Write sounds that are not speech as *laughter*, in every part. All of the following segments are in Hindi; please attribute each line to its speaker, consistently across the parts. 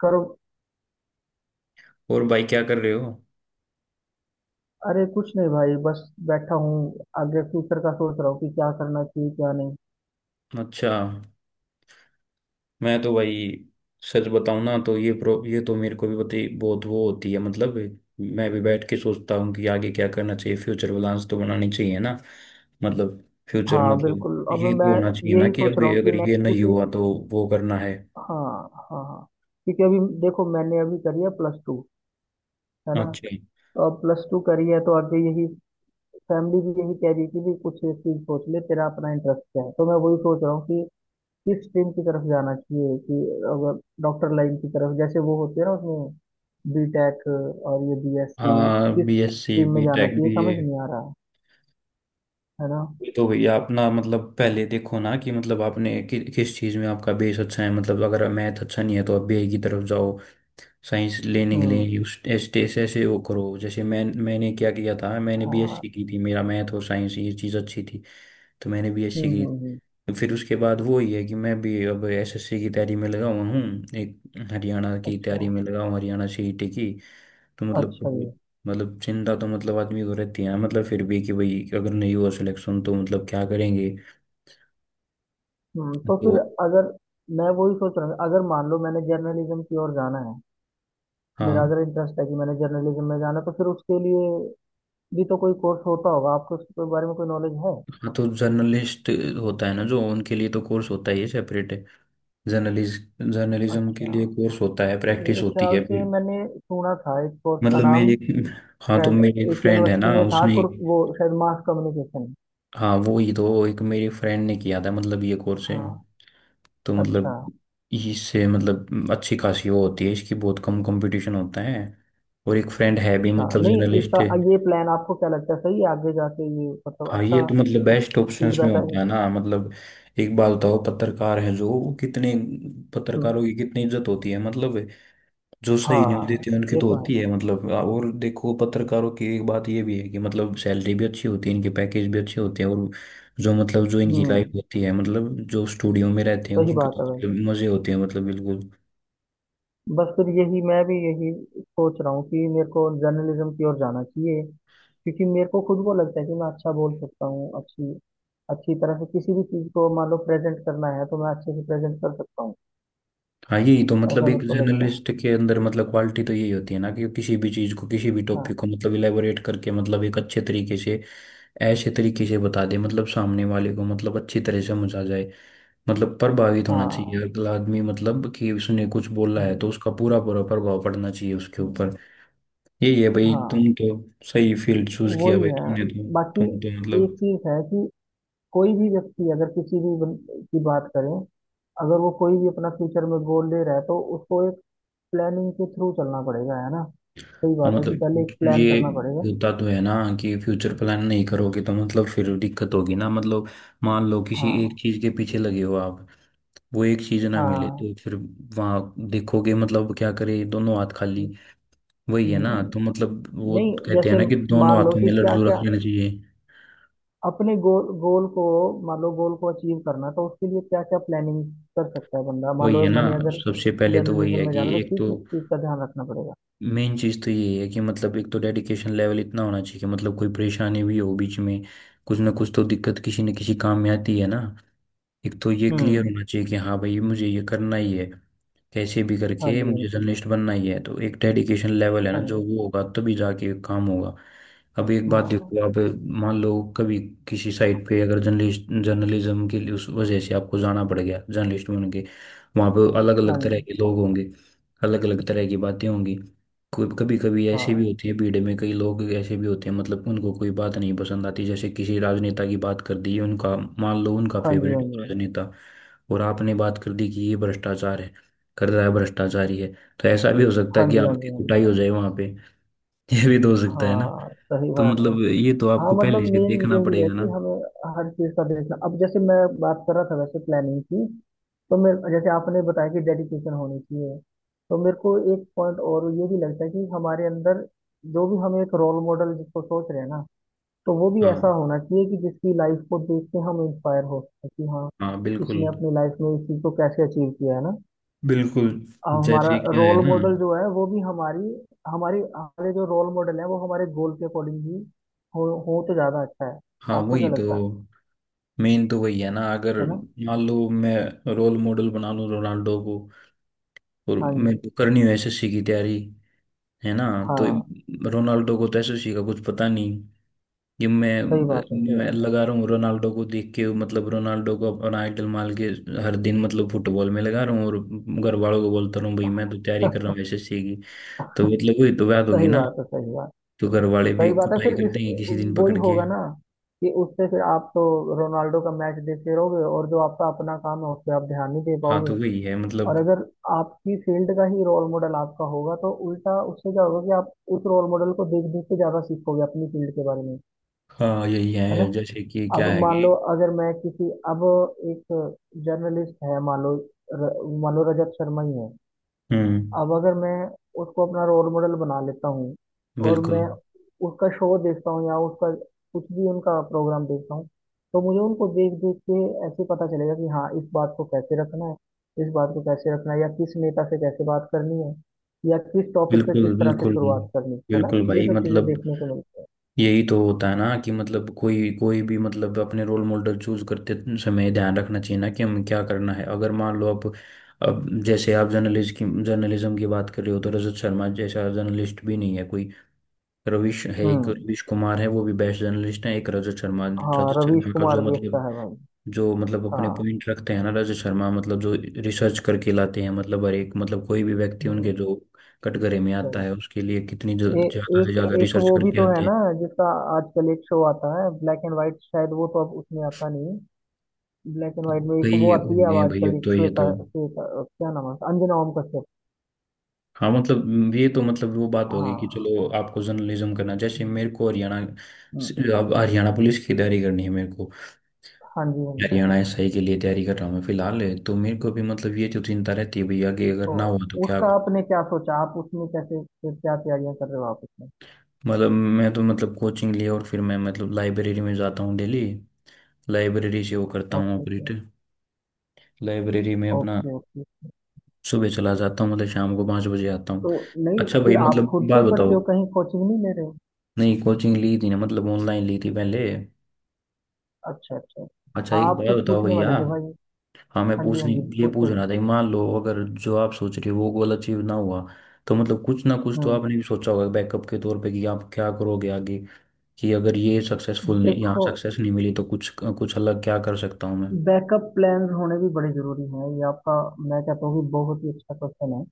Speaker 1: करो।
Speaker 2: और भाई क्या कर रहे हो।
Speaker 1: अरे कुछ नहीं भाई, बस बैठा हूँ आगे फ्यूचर का सोच रहा हूँ कि क्या करना चाहिए क्या नहीं।
Speaker 2: अच्छा। मैं तो भाई, सच बताऊं ना तो ये प्रो ये तो मेरे को भी पता, बहुत वो होती है मतलब। मैं भी बैठ के सोचता हूँ कि आगे क्या करना चाहिए, फ्यूचर बैलेंस तो बनानी चाहिए ना। मतलब फ्यूचर,
Speaker 1: हाँ
Speaker 2: मतलब
Speaker 1: बिल्कुल। अब
Speaker 2: ये तो
Speaker 1: मैं
Speaker 2: होना चाहिए ना
Speaker 1: यही
Speaker 2: कि
Speaker 1: सोच
Speaker 2: अब
Speaker 1: रहा हूँ कि
Speaker 2: अगर ये
Speaker 1: नेक्स्ट,
Speaker 2: नहीं
Speaker 1: क्योंकि
Speaker 2: हुआ तो वो करना है।
Speaker 1: हाँ। हाँ हाँ। क्योंकि अभी देखो मैंने अभी करी है प्लस टू, है ना।
Speaker 2: अच्छा।
Speaker 1: तो अब प्लस टू करी है तो आगे यही फैमिली भी यही कह रही थी भी कुछ एक चीज सोच ले तेरा अपना इंटरेस्ट क्या है, तो मैं वही सोच रहा हूँ कि किस स्ट्रीम की तरफ जाना चाहिए कि अगर डॉक्टर लाइन की तरफ जैसे वो होती है ना उसमें बी टेक और ये बी एस सी,
Speaker 2: हाँ,
Speaker 1: किस
Speaker 2: बी एस सी,
Speaker 1: स्ट्रीम में
Speaker 2: बी
Speaker 1: जाना
Speaker 2: टेक,
Speaker 1: चाहिए
Speaker 2: बी।
Speaker 1: समझ नहीं आ रहा। है ना।
Speaker 2: ये तो भैया अपना मतलब पहले देखो ना कि मतलब किस चीज़ में आपका बेस अच्छा है। मतलब अगर मैथ अच्छा नहीं है तो आप बीए की तरफ जाओ। साइंस लेने के लिए
Speaker 1: हम्म।
Speaker 2: यूज टेस्ट ऐसे वो करो। जैसे मैंने क्या किया था, मैंने
Speaker 1: हाँ।
Speaker 2: बीएससी की थी। मेरा मैथ और साइंस ये चीज़ अच्छी थी, तो मैंने बीएससी
Speaker 1: हम्म
Speaker 2: की।
Speaker 1: हम्म हम्म,
Speaker 2: तो फिर उसके बाद वो ही है कि मैं भी अब एसएससी की तैयारी में लगा हुआ हूँ। एक हरियाणा की
Speaker 1: अच्छा।
Speaker 2: तैयारी में लगा हूँ, हरियाणा सीईटी की। तो मतलब,
Speaker 1: अच्छा जी।
Speaker 2: मतलब चिंता तो मतलब आदमी को रहती है। मतलब फिर भी कि भाई अगर नहीं हुआ सिलेक्शन तो मतलब क्या करेंगे।
Speaker 1: हम्म, तो
Speaker 2: तो
Speaker 1: फिर अगर मैं वही सोच रहा हूँ, अगर मान लो मैंने जर्नलिज्म की ओर जाना है। मेरा
Speaker 2: हाँ।
Speaker 1: अगर इंटरेस्ट है कि मैंने जर्नलिज्म में जाना है, तो फिर उसके लिए भी तो कोई कोर्स होता होगा। आपको उसके बारे में कोई नॉलेज है?
Speaker 2: हाँ तो जर्नलिस्ट होता है ना, जो उनके लिए तो कोर्स होता ही है सेपरेट। जर्नलिज जर्नलिज्म के
Speaker 1: अच्छा।
Speaker 2: लिए कोर्स होता है, प्रैक्टिस
Speaker 1: मेरे
Speaker 2: होती
Speaker 1: ख्याल
Speaker 2: है
Speaker 1: से
Speaker 2: फिर।
Speaker 1: मैंने सुना था इस कोर्स का
Speaker 2: मतलब मेरी
Speaker 1: नाम
Speaker 2: एक, हाँ तो
Speaker 1: शायद,
Speaker 2: मेरी एक
Speaker 1: एक
Speaker 2: फ्रेंड है ना
Speaker 1: यूनिवर्सिटी में था
Speaker 2: उसने,
Speaker 1: कुर वो शायद मास कम्युनिकेशन।
Speaker 2: हाँ वो ही तो, एक मेरी फ्रेंड ने किया था। मतलब ये कोर्स है
Speaker 1: हाँ।
Speaker 2: तो मतलब
Speaker 1: अच्छा।
Speaker 2: इससे मतलब अच्छी खासी वो होती है। इसकी बहुत कम कंपटीशन होता है। और एक फ्रेंड है भी
Speaker 1: अच्छा,
Speaker 2: मतलब
Speaker 1: नहीं इसका
Speaker 2: जर्नलिस्ट।
Speaker 1: ये प्लान आपको क्या लगता है सही है आगे जाके? ये मतलब
Speaker 2: हाँ ये
Speaker 1: अच्छा
Speaker 2: तो मतलब बेस्ट ऑप्शंस में
Speaker 1: फीडबैक
Speaker 2: होता
Speaker 1: आएगा?
Speaker 2: है ना मतलब। एक बात बताओ, पत्रकार है जो वो कितने,
Speaker 1: हम्म।
Speaker 2: पत्रकारों की कितनी इज्जत होती है मतलब। जो सही न्यूज़
Speaker 1: हाँ,
Speaker 2: देती है उनकी
Speaker 1: ये
Speaker 2: तो
Speaker 1: तो है।
Speaker 2: होती है मतलब। और देखो, पत्रकारों की एक बात ये भी है कि मतलब सैलरी भी अच्छी होती है, इनके पैकेज भी अच्छे होते हैं। और जो मतलब जो इनकी
Speaker 1: हम्म,
Speaker 2: लाइफ होती है मतलब, जो स्टूडियो में रहते हैं
Speaker 1: सही
Speaker 2: उसके
Speaker 1: बात
Speaker 2: तो
Speaker 1: है भाई।
Speaker 2: मतलब मजे होते हैं मतलब, बिल्कुल।
Speaker 1: बस फिर यही मैं भी यही सोच रहा हूँ कि मेरे को जर्नलिज्म की ओर जाना चाहिए, क्योंकि मेरे को खुद को लगता है कि मैं अच्छा बोल सकता हूँ, अच्छी अच्छी तरह से किसी भी चीज़ को मान लो प्रेजेंट करना है तो मैं अच्छे से प्रेजेंट कर सकता हूँ।
Speaker 2: हाँ यही तो मतलब,
Speaker 1: ऐसा
Speaker 2: एक
Speaker 1: मेरे को लगता है।
Speaker 2: जर्नलिस्ट के अंदर मतलब क्वालिटी तो यही होती है ना कि किसी भी चीज़ को, किसी भी
Speaker 1: हाँ।
Speaker 2: टॉपिक को मतलब इलेबोरेट करके मतलब एक अच्छे तरीके से, ऐसे तरीके से बता दे मतलब सामने वाले को मतलब अच्छी तरह समझ आ जाए। मतलब प्रभावित होना चाहिए
Speaker 1: हाँ।
Speaker 2: अगला आदमी मतलब, कि उसने कुछ बोला है तो
Speaker 1: हम्म,
Speaker 2: उसका पूरा पूरा प्रभाव पड़ना चाहिए उसके
Speaker 1: हम्म,
Speaker 2: ऊपर। यही है भाई,
Speaker 1: हाँ
Speaker 2: तुम तो सही फील्ड चूज किया
Speaker 1: वही
Speaker 2: भाई
Speaker 1: है।
Speaker 2: तुमने तो। तुम
Speaker 1: बाकी
Speaker 2: तो
Speaker 1: एक
Speaker 2: मतलब,
Speaker 1: चीज है कि कोई भी व्यक्ति अगर किसी भी की बात करें, अगर वो कोई भी अपना फ्यूचर में गोल ले रहा है तो उसको एक प्लानिंग के थ्रू चलना पड़ेगा, है ना। सही
Speaker 2: हाँ
Speaker 1: बात है कि पहले
Speaker 2: मतलब
Speaker 1: एक प्लान
Speaker 2: ये
Speaker 1: करना पड़ेगा।
Speaker 2: होता तो है ना कि फ्यूचर प्लान नहीं करोगे तो मतलब फिर दिक्कत होगी ना मतलब। मान लो किसी एक
Speaker 1: हाँ।
Speaker 2: चीज के पीछे लगे हो आप, वो एक चीज ना मिले
Speaker 1: हाँ।
Speaker 2: तो फिर वहाँ देखोगे मतलब क्या करे, दोनों हाथ खाली। वही है ना,
Speaker 1: हम्म,
Speaker 2: तो मतलब वो
Speaker 1: नहीं
Speaker 2: कहते हैं
Speaker 1: जैसे
Speaker 2: ना कि दोनों
Speaker 1: मान लो
Speaker 2: हाथों
Speaker 1: कि
Speaker 2: में
Speaker 1: क्या
Speaker 2: लड्डू रख
Speaker 1: क्या
Speaker 2: लेना चाहिए।
Speaker 1: अपने गोल गोल को, मान लो गोल को अचीव करना, तो उसके लिए क्या क्या प्लानिंग कर सकता है बंदा। मान
Speaker 2: वही
Speaker 1: लो
Speaker 2: है ना।
Speaker 1: मैंने अगर
Speaker 2: सबसे पहले तो वही
Speaker 1: जर्नलिज्म
Speaker 2: है
Speaker 1: में
Speaker 2: कि
Speaker 1: जाना तो
Speaker 2: एक
Speaker 1: किस
Speaker 2: तो,
Speaker 1: किस चीज का ध्यान रखना पड़ेगा।
Speaker 2: मेन चीज़ तो यही है कि मतलब एक तो डेडिकेशन लेवल इतना होना चाहिए कि मतलब कोई परेशानी भी हो बीच में, कुछ ना कुछ तो दिक्कत किसी न किसी काम में आती है ना। एक तो ये क्लियर
Speaker 1: हम्म।
Speaker 2: होना चाहिए कि हाँ भाई मुझे ये करना ही है, कैसे भी
Speaker 1: हाँ
Speaker 2: करके
Speaker 1: जी। हाँ
Speaker 2: मुझे
Speaker 1: जी।
Speaker 2: जर्नलिस्ट बनना ही है। तो एक डेडिकेशन लेवल है ना,
Speaker 1: हाँ
Speaker 2: जो
Speaker 1: जी।
Speaker 2: वो होगा तभी जाके काम होगा। अब एक बात
Speaker 1: हाँ।
Speaker 2: देखो आप, मान लो कभी किसी साइट पे अगर जर्नलिस्ट, जर्नलिज्म के लिए उस वजह से आपको जाना पड़ गया जर्नलिस्ट बन के, वहाँ पे अलग
Speaker 1: हाँ
Speaker 2: अलग तरह
Speaker 1: जी।
Speaker 2: के लोग होंगे, अलग अलग तरह की बातें होंगी। कभी कभी ऐसे भी
Speaker 1: हाँ।
Speaker 2: होती है, भीड़ में कई लोग ऐसे भी होते हैं मतलब उनको कोई बात नहीं पसंद आती। जैसे किसी राजनेता की बात कर दी, उनका मान लो उनका
Speaker 1: हाँ जी।
Speaker 2: फेवरेट
Speaker 1: हाँ जी।
Speaker 2: राजनेता, और आपने बात कर दी कि ये भ्रष्टाचार है, कर रहा है, भ्रष्टाचारी है, तो ऐसा भी हो सकता है
Speaker 1: हाँ
Speaker 2: कि
Speaker 1: जी। हाँ
Speaker 2: आपकी
Speaker 1: जी। हाँ जी।
Speaker 2: कुटाई हो जाए वहां पे *laughs* ये भी तो हो सकता है ना।
Speaker 1: हाँ, सही
Speaker 2: तो
Speaker 1: बात है।
Speaker 2: मतलब ये तो
Speaker 1: हाँ
Speaker 2: आपको पहले
Speaker 1: मतलब
Speaker 2: से
Speaker 1: मेन
Speaker 2: देखना
Speaker 1: यही है
Speaker 2: पड़ेगा
Speaker 1: कि
Speaker 2: ना।
Speaker 1: हमें हर चीज़ का देखना। अब जैसे मैं बात कर रहा था वैसे प्लानिंग की, तो मेरे जैसे आपने बताया कि डेडिकेशन होनी चाहिए, तो मेरे को एक पॉइंट और ये भी लगता है कि हमारे अंदर जो भी हम एक रोल मॉडल जिसको सोच रहे हैं ना, तो वो भी
Speaker 2: हाँ।
Speaker 1: ऐसा होना चाहिए कि जिसकी लाइफ को देख के हम इंस्पायर हो सके कि हाँ
Speaker 2: हाँ बिल्कुल।
Speaker 1: इसने अपनी लाइफ में इस चीज़ को कैसे अचीव किया है ना।
Speaker 2: बिल्कुल
Speaker 1: अब हमारा
Speaker 2: जैसे क्या है
Speaker 1: रोल
Speaker 2: ना।
Speaker 1: मॉडल जो है वो भी हमारी हमारी हमारे जो रोल मॉडल है वो हमारे गोल के अकॉर्डिंग ही हो तो ज्यादा अच्छा है।
Speaker 2: हाँ
Speaker 1: आपको
Speaker 2: वही
Speaker 1: क्या
Speaker 2: तो,
Speaker 1: लगता है
Speaker 2: मेन तो वही है ना। अगर
Speaker 1: है ना।
Speaker 2: मान लो मैं रोल मॉडल बना लूं रोनाल्डो को, और
Speaker 1: हाँ
Speaker 2: मेरे
Speaker 1: जी।
Speaker 2: को करनी हो एसएससी की तैयारी, है ना। तो
Speaker 1: हाँ,
Speaker 2: रोनाल्डो को तो एसएससी का कुछ पता नहीं कि मैं
Speaker 1: सही बात है, सही
Speaker 2: मैं
Speaker 1: बात।
Speaker 2: लगा रहा हूँ रोनाल्डो को देख के, मतलब रोनाल्डो को अपना आइडल मान के हर दिन मतलब फुटबॉल में लगा रहा हूँ, और घर वालों को बोलता रहा हूँ भाई मैं तो तैयारी कर रहा हूँ एसएससी की। तो मतलब वही तो बात होगी
Speaker 1: सही
Speaker 2: ना।
Speaker 1: बात है, सही बात।
Speaker 2: तो घर वाले भी
Speaker 1: सही बात है फिर
Speaker 2: कुटाई कर
Speaker 1: इस
Speaker 2: देंगे किसी दिन
Speaker 1: वो ही
Speaker 2: पकड़ के।
Speaker 1: होगा ना कि उससे फिर आप तो रोनाल्डो का मैच देखते रहोगे और जो आपका अपना काम है उस पर आप ध्यान नहीं दे
Speaker 2: हाँ
Speaker 1: पाओगे।
Speaker 2: तो वही है
Speaker 1: और
Speaker 2: मतलब।
Speaker 1: अगर आपकी फील्ड का ही रोल मॉडल आपका होगा तो उल्टा उससे क्या होगा कि आप उस रोल मॉडल को देख देख के ज्यादा सीखोगे अपनी फील्ड के बारे में।
Speaker 2: हाँ यही
Speaker 1: है ना।
Speaker 2: है, जैसे कि
Speaker 1: अब
Speaker 2: क्या है
Speaker 1: मान
Speaker 2: कि,
Speaker 1: लो अगर मैं किसी अब एक जर्नलिस्ट है मान लो र, मान लो रजत शर्मा ही है।
Speaker 2: हम्म।
Speaker 1: अब अगर मैं उसको अपना रोल मॉडल बना लेता हूँ और
Speaker 2: बिल्कुल
Speaker 1: मैं उसका शो देखता हूँ या उसका कुछ भी उनका प्रोग्राम देखता हूँ, तो मुझे उनको देख देख के ऐसे पता चलेगा कि हाँ इस बात को कैसे रखना है। इस बात को कैसे रखना है या किस नेता से कैसे बात करनी है या किस टॉपिक पे किस
Speaker 2: बिल्कुल,
Speaker 1: तरह से
Speaker 2: बिल्कुल
Speaker 1: शुरुआत करनी है ना,
Speaker 2: बिल्कुल
Speaker 1: ये
Speaker 2: भाई
Speaker 1: सब चीजें
Speaker 2: मतलब
Speaker 1: देखने को मिलती है।
Speaker 2: यही तो होता है ना कि मतलब कोई कोई भी मतलब अपने रोल मॉडल चूज करते समय ध्यान रखना चाहिए ना कि हमें क्या करना है। अगर मान लो आप, अब जैसे आप जर्नलिस्ट की, जर्नलिज्म की बात कर रहे हो, तो रजत शर्मा जैसा जर्नलिस्ट भी नहीं है कोई। रविश है, एक
Speaker 1: हम्म।
Speaker 2: रविश कुमार है वो भी बेस्ट जर्नलिस्ट है, एक रजत शर्मा।
Speaker 1: हाँ
Speaker 2: रजत
Speaker 1: रवीश
Speaker 2: शर्मा का जो
Speaker 1: कुमार भी
Speaker 2: मतलब,
Speaker 1: अच्छा है भाई।
Speaker 2: जो मतलब अपने
Speaker 1: हाँ।
Speaker 2: पॉइंट रखते हैं ना रजत शर्मा, मतलब जो रिसर्च करके लाते हैं मतलब। हर एक मतलब कोई भी व्यक्ति उनके
Speaker 1: हम्म,
Speaker 2: जो कटघरे में आता है,
Speaker 1: सही।
Speaker 2: उसके लिए कितनी
Speaker 1: ए,
Speaker 2: ज्यादा से
Speaker 1: एक
Speaker 2: ज्यादा
Speaker 1: एक
Speaker 2: रिसर्च
Speaker 1: वो भी
Speaker 2: करके
Speaker 1: तो है
Speaker 2: आते हैं।
Speaker 1: ना, जिसका आजकल एक शो आता है ब्लैक एंड वाइट। शायद वो तो अब उसमें आता नहीं। ब्लैक एंड वाइट में
Speaker 2: भाई
Speaker 1: एक वो आती है अब
Speaker 2: ये भाई
Speaker 1: आजकल,
Speaker 2: अब
Speaker 1: एक
Speaker 2: तो ये तो,
Speaker 1: श्वेता, श्वेता क्या नाम है उसका? अंजना ओम कश्यप।
Speaker 2: हाँ मतलब ये तो मतलब वो बात होगी कि
Speaker 1: हाँ।
Speaker 2: चलो आपको जर्नलिज्म करना, जैसे
Speaker 1: हम्म,
Speaker 2: मेरे को हरियाणा,
Speaker 1: हम्म,
Speaker 2: अब हरियाणा पुलिस की तैयारी करनी है मेरे को।
Speaker 1: हाँ जी। हाँ जी।
Speaker 2: हरियाणा एसआई के लिए तैयारी कर रहा हूँ मैं फिलहाल। तो मेरे को भी मतलब ये जो चिंता रहती है भैया कि अगर
Speaker 1: तो
Speaker 2: ना हुआ तो क्या
Speaker 1: उसका
Speaker 2: कर।
Speaker 1: आपने क्या सोचा? आप उसमें कैसे फिर क्या तैयारियां कर रहे हो आप उसमें?
Speaker 2: मतलब मैं तो मतलब कोचिंग लिया और फिर मैं मतलब लाइब्रेरी में जाता हूँ डेली। लाइब्रेरी से वो करता हूँ
Speaker 1: ओके ओके।
Speaker 2: ऑपरेट। लाइब्रेरी में अपना
Speaker 1: ओके ओके।
Speaker 2: सुबह चला जाता हूँ, मतलब शाम को 5 बजे आता हूँ।
Speaker 1: तो नहीं
Speaker 2: अच्छा भाई
Speaker 1: फिर आप
Speaker 2: मतलब
Speaker 1: खुद से
Speaker 2: बात
Speaker 1: ही पढ़ते हो,
Speaker 2: बताओ,
Speaker 1: कहीं कोचिंग नहीं ले रहे हो?
Speaker 2: नहीं कोचिंग ली थी ना, मतलब ऑनलाइन ली थी पहले।
Speaker 1: अच्छा अच्छा।
Speaker 2: अच्छा
Speaker 1: हाँ
Speaker 2: एक
Speaker 1: आप
Speaker 2: बात
Speaker 1: कुछ
Speaker 2: बताओ
Speaker 1: पूछने
Speaker 2: भैया,
Speaker 1: वाले थे भाई।
Speaker 2: हाँ मैं
Speaker 1: हाँ जी हाँ
Speaker 2: पूछने,
Speaker 1: जी,
Speaker 2: ये पूछ
Speaker 1: पूछो जी।
Speaker 2: रहा था कि मान लो अगर जो आप सोच रहे हो वो गोल अचीव ना हुआ, तो मतलब कुछ ना कुछ तो
Speaker 1: हम्म।
Speaker 2: आपने भी सोचा होगा बैकअप के तौर पे कि आप क्या करोगे आगे, कि अगर ये सक्सेसफुल नहीं, यहाँ
Speaker 1: देखो,
Speaker 2: सक्सेस नहीं मिली तो कुछ कुछ अलग क्या कर सकता हूँ मैं।
Speaker 1: बैकअप प्लान्स होने भी बड़े ज़रूरी हैं ये आपका, मैं कहता हूँ कि बहुत ही अच्छा क्वेश्चन है।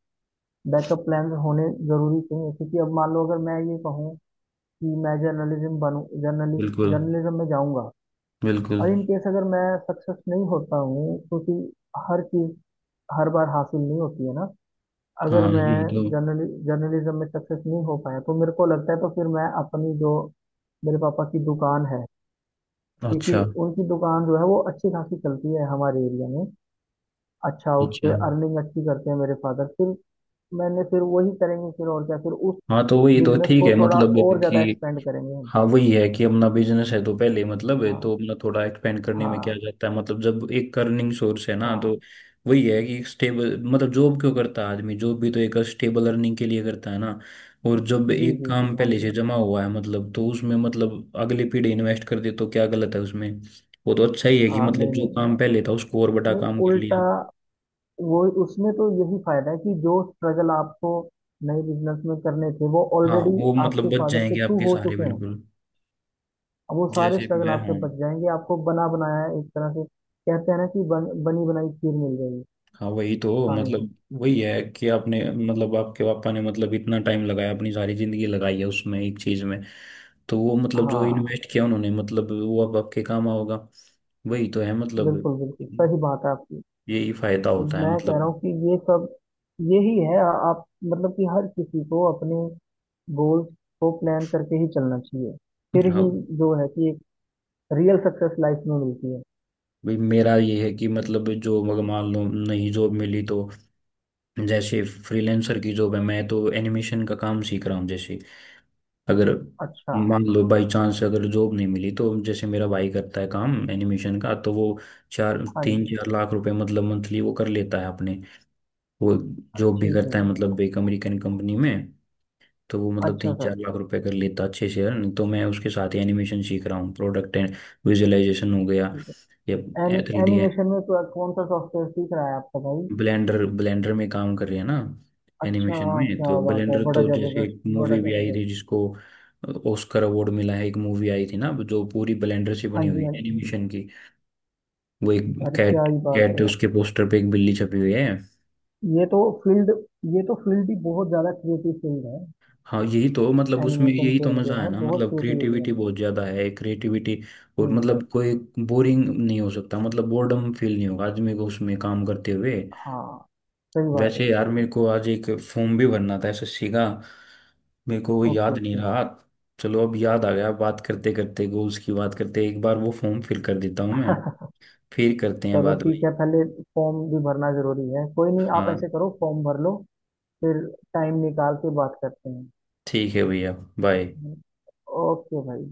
Speaker 1: बैकअप प्लान्स होने ज़रूरी चाहिए, क्योंकि अब मान लो अगर मैं ये कहूँ कि मैं जर्नलिज्म बनूँ जर्नलिस्ट
Speaker 2: बिल्कुल
Speaker 1: जर्नलिज्म में जाऊँगा,
Speaker 2: बिल्कुल।
Speaker 1: और इन केस अगर मैं सक्सेस नहीं होता हूँ, क्योंकि हर चीज़ हर बार हासिल नहीं होती है ना। अगर
Speaker 2: हाँ
Speaker 1: मैं
Speaker 2: यही तो।
Speaker 1: जर्नलिज्म में सक्सेस नहीं हो पाया तो मेरे को लगता है तो फिर मैं अपनी जो, मेरे पापा की दुकान है, क्योंकि
Speaker 2: अच्छा
Speaker 1: उनकी दुकान जो है वो अच्छी खासी चलती है हमारे एरिया में। अच्छा। उस
Speaker 2: अच्छा।
Speaker 1: पे अर्निंग अच्छी करते हैं मेरे फादर, फिर मैंने फिर वही करेंगे फिर, और क्या, फिर उस
Speaker 2: हाँ तो वही तो
Speaker 1: बिजनेस
Speaker 2: ठीक
Speaker 1: को
Speaker 2: है
Speaker 1: थोड़ा
Speaker 2: मतलब
Speaker 1: और ज़्यादा
Speaker 2: कि,
Speaker 1: एक्सपेंड करेंगे हम।
Speaker 2: हाँ वही है कि अपना बिजनेस है तो पहले मतलब है
Speaker 1: हाँ।
Speaker 2: तो अपना, थोड़ा एक्सपेंड करने में क्या
Speaker 1: हाँ।
Speaker 2: जाता है मतलब। जब एक अर्निंग सोर्स है ना तो,
Speaker 1: हाँ।
Speaker 2: वही है कि स्टेबल मतलब जॉब क्यों करता है आदमी, जॉब भी तो एक स्टेबल अर्निंग के लिए करता है ना। और जब
Speaker 1: जी
Speaker 2: एक
Speaker 1: जी जी।
Speaker 2: काम
Speaker 1: हाँ
Speaker 2: पहले से
Speaker 1: जी।
Speaker 2: जमा हुआ है मतलब, तो उसमें मतलब अगली पीढ़ी इन्वेस्ट कर दे तो क्या गलत है उसमें। वो तो अच्छा ही है कि
Speaker 1: हाँ,
Speaker 2: मतलब
Speaker 1: नहीं
Speaker 2: जो
Speaker 1: नहीं।
Speaker 2: काम पहले था उसको और बड़ा
Speaker 1: नहीं
Speaker 2: काम कर
Speaker 1: उल्टा,
Speaker 2: लिया।
Speaker 1: वो उसमें तो यही फायदा है कि जो स्ट्रगल आपको नए बिजनेस में करने थे वो
Speaker 2: हाँ
Speaker 1: ऑलरेडी
Speaker 2: वो मतलब
Speaker 1: आपके
Speaker 2: बच
Speaker 1: फादर के
Speaker 2: जाएंगे
Speaker 1: थ्रू
Speaker 2: आपके
Speaker 1: हो
Speaker 2: सारे,
Speaker 1: चुके हैं।
Speaker 2: बिल्कुल।
Speaker 1: अब वो सारे
Speaker 2: जैसे
Speaker 1: स्ट्रगल
Speaker 2: मैं
Speaker 1: आपके
Speaker 2: हूँ।
Speaker 1: बच जाएंगे, आपको बना बनाया, एक तरह से कहते हैं ना कि बनी बनाई खीर मिल जाएगी
Speaker 2: हाँ वही तो
Speaker 1: खाने को।
Speaker 2: मतलब, वही है कि आपने मतलब आपके पापा ने मतलब इतना टाइम लगाया, अपनी सारी जिंदगी लगाई है उसमें एक चीज में। तो वो मतलब जो
Speaker 1: हाँ
Speaker 2: इन्वेस्ट किया उन्होंने मतलब वो अब आपके काम आओगा। वही तो है मतलब।
Speaker 1: बिल्कुल बिल्कुल, सही बात है आपकी।
Speaker 2: यही फायदा होता है
Speaker 1: मैं कह रहा
Speaker 2: मतलब।
Speaker 1: हूँ कि ये सब यही है आप मतलब कि हर किसी को अपने गोल्स को प्लान करके ही चलना चाहिए, फिर
Speaker 2: हाँ
Speaker 1: ही जो है कि एक रियल सक्सेस लाइफ में मिलती है।
Speaker 2: भाई मेरा ये है कि मतलब जो, मगर मान लो नहीं जॉब मिली तो, जैसे फ्रीलांसर की जॉब है, मैं तो एनिमेशन का काम सीख रहा हूँ। जैसे अगर
Speaker 1: अच्छा।
Speaker 2: मान लो बाई चांस अगर जॉब नहीं मिली, तो जैसे मेरा भाई करता है काम एनिमेशन का, तो वो चार,
Speaker 1: हाँ
Speaker 2: तीन
Speaker 1: जी।
Speaker 2: चार लाख रुपए मतलब मंथली वो कर लेता है अपने। वो जॉब भी
Speaker 1: ठीक है
Speaker 2: करता है
Speaker 1: जी।
Speaker 2: मतलब एक अमेरिकन कंपनी में। तो वो मतलब
Speaker 1: अच्छा
Speaker 2: तीन
Speaker 1: सर।
Speaker 2: चार लाख रुपए कर लेता है अच्छे से earn। तो मैं उसके साथ ही एनिमेशन सीख रहा हूँ। प्रोडक्ट एंड विजुअलाइजेशन हो गया
Speaker 1: ठीक
Speaker 2: या
Speaker 1: है। Any,
Speaker 2: 3D।
Speaker 1: एनिमेशन में तो कौन सा सॉफ्टवेयर सीख रहा है आपका भाई?
Speaker 2: ब्लेंडर, ब्लेंडर में काम कर रही है ना।
Speaker 1: अच्छा।
Speaker 2: एनिमेशन में
Speaker 1: क्या
Speaker 2: तो
Speaker 1: बात है,
Speaker 2: ब्लेंडर,
Speaker 1: बड़ा
Speaker 2: तो जैसे
Speaker 1: जबरदस्त।
Speaker 2: एक
Speaker 1: बड़ा
Speaker 2: मूवी भी आई
Speaker 1: जबरदस्त।
Speaker 2: थी जिसको ऑस्कर अवार्ड मिला है। एक मूवी आई थी ना जो पूरी ब्लेंडर से
Speaker 1: हाँ
Speaker 2: बनी हुई
Speaker 1: जी
Speaker 2: है
Speaker 1: हाँ जी।
Speaker 2: एनिमेशन की। वो एक
Speaker 1: अरे क्या
Speaker 2: कैट,
Speaker 1: ही बात है
Speaker 2: कैट
Speaker 1: यार।
Speaker 2: उसके पोस्टर पे एक बिल्ली छपी हुई है।
Speaker 1: ये तो फील्ड ये तो फील्ड ही बहुत ज़्यादा क्रिएटिव फील्ड है।
Speaker 2: हाँ यही तो मतलब उसमें
Speaker 1: एनिमेशन
Speaker 2: यही तो
Speaker 1: फील्ड
Speaker 2: मजा
Speaker 1: जो
Speaker 2: है
Speaker 1: है
Speaker 2: ना,
Speaker 1: बहुत
Speaker 2: मतलब
Speaker 1: क्रिएटिविटी
Speaker 2: क्रिएटिविटी
Speaker 1: वाली है।
Speaker 2: बहुत ज्यादा है, क्रिएटिविटी। और
Speaker 1: हम्म।
Speaker 2: मतलब कोई बोरिंग नहीं हो सकता, मतलब बोर्डम फील नहीं होगा आदमी को उसमें काम करते हुए।
Speaker 1: हाँ, सही बात है,
Speaker 2: वैसे यार
Speaker 1: सही
Speaker 2: मेरे
Speaker 1: बात।
Speaker 2: को आज एक फॉर्म भी भरना था एसएससी का, मेरे को वो
Speaker 1: ओके
Speaker 2: याद नहीं
Speaker 1: ओके।
Speaker 2: रहा। चलो अब याद आ गया बात करते करते, गोल्स की बात करते एक बार वो फॉर्म फिल कर देता हूँ मैं, फिर करते हैं
Speaker 1: चलो
Speaker 2: बात
Speaker 1: ठीक
Speaker 2: भाई।
Speaker 1: है, पहले फॉर्म भी भरना जरूरी है, कोई नहीं आप
Speaker 2: हाँ
Speaker 1: ऐसे करो फॉर्म भर लो, फिर टाइम निकाल के बात करते हैं।
Speaker 2: ठीक है भैया। बाय।
Speaker 1: ओके भाई, बाय।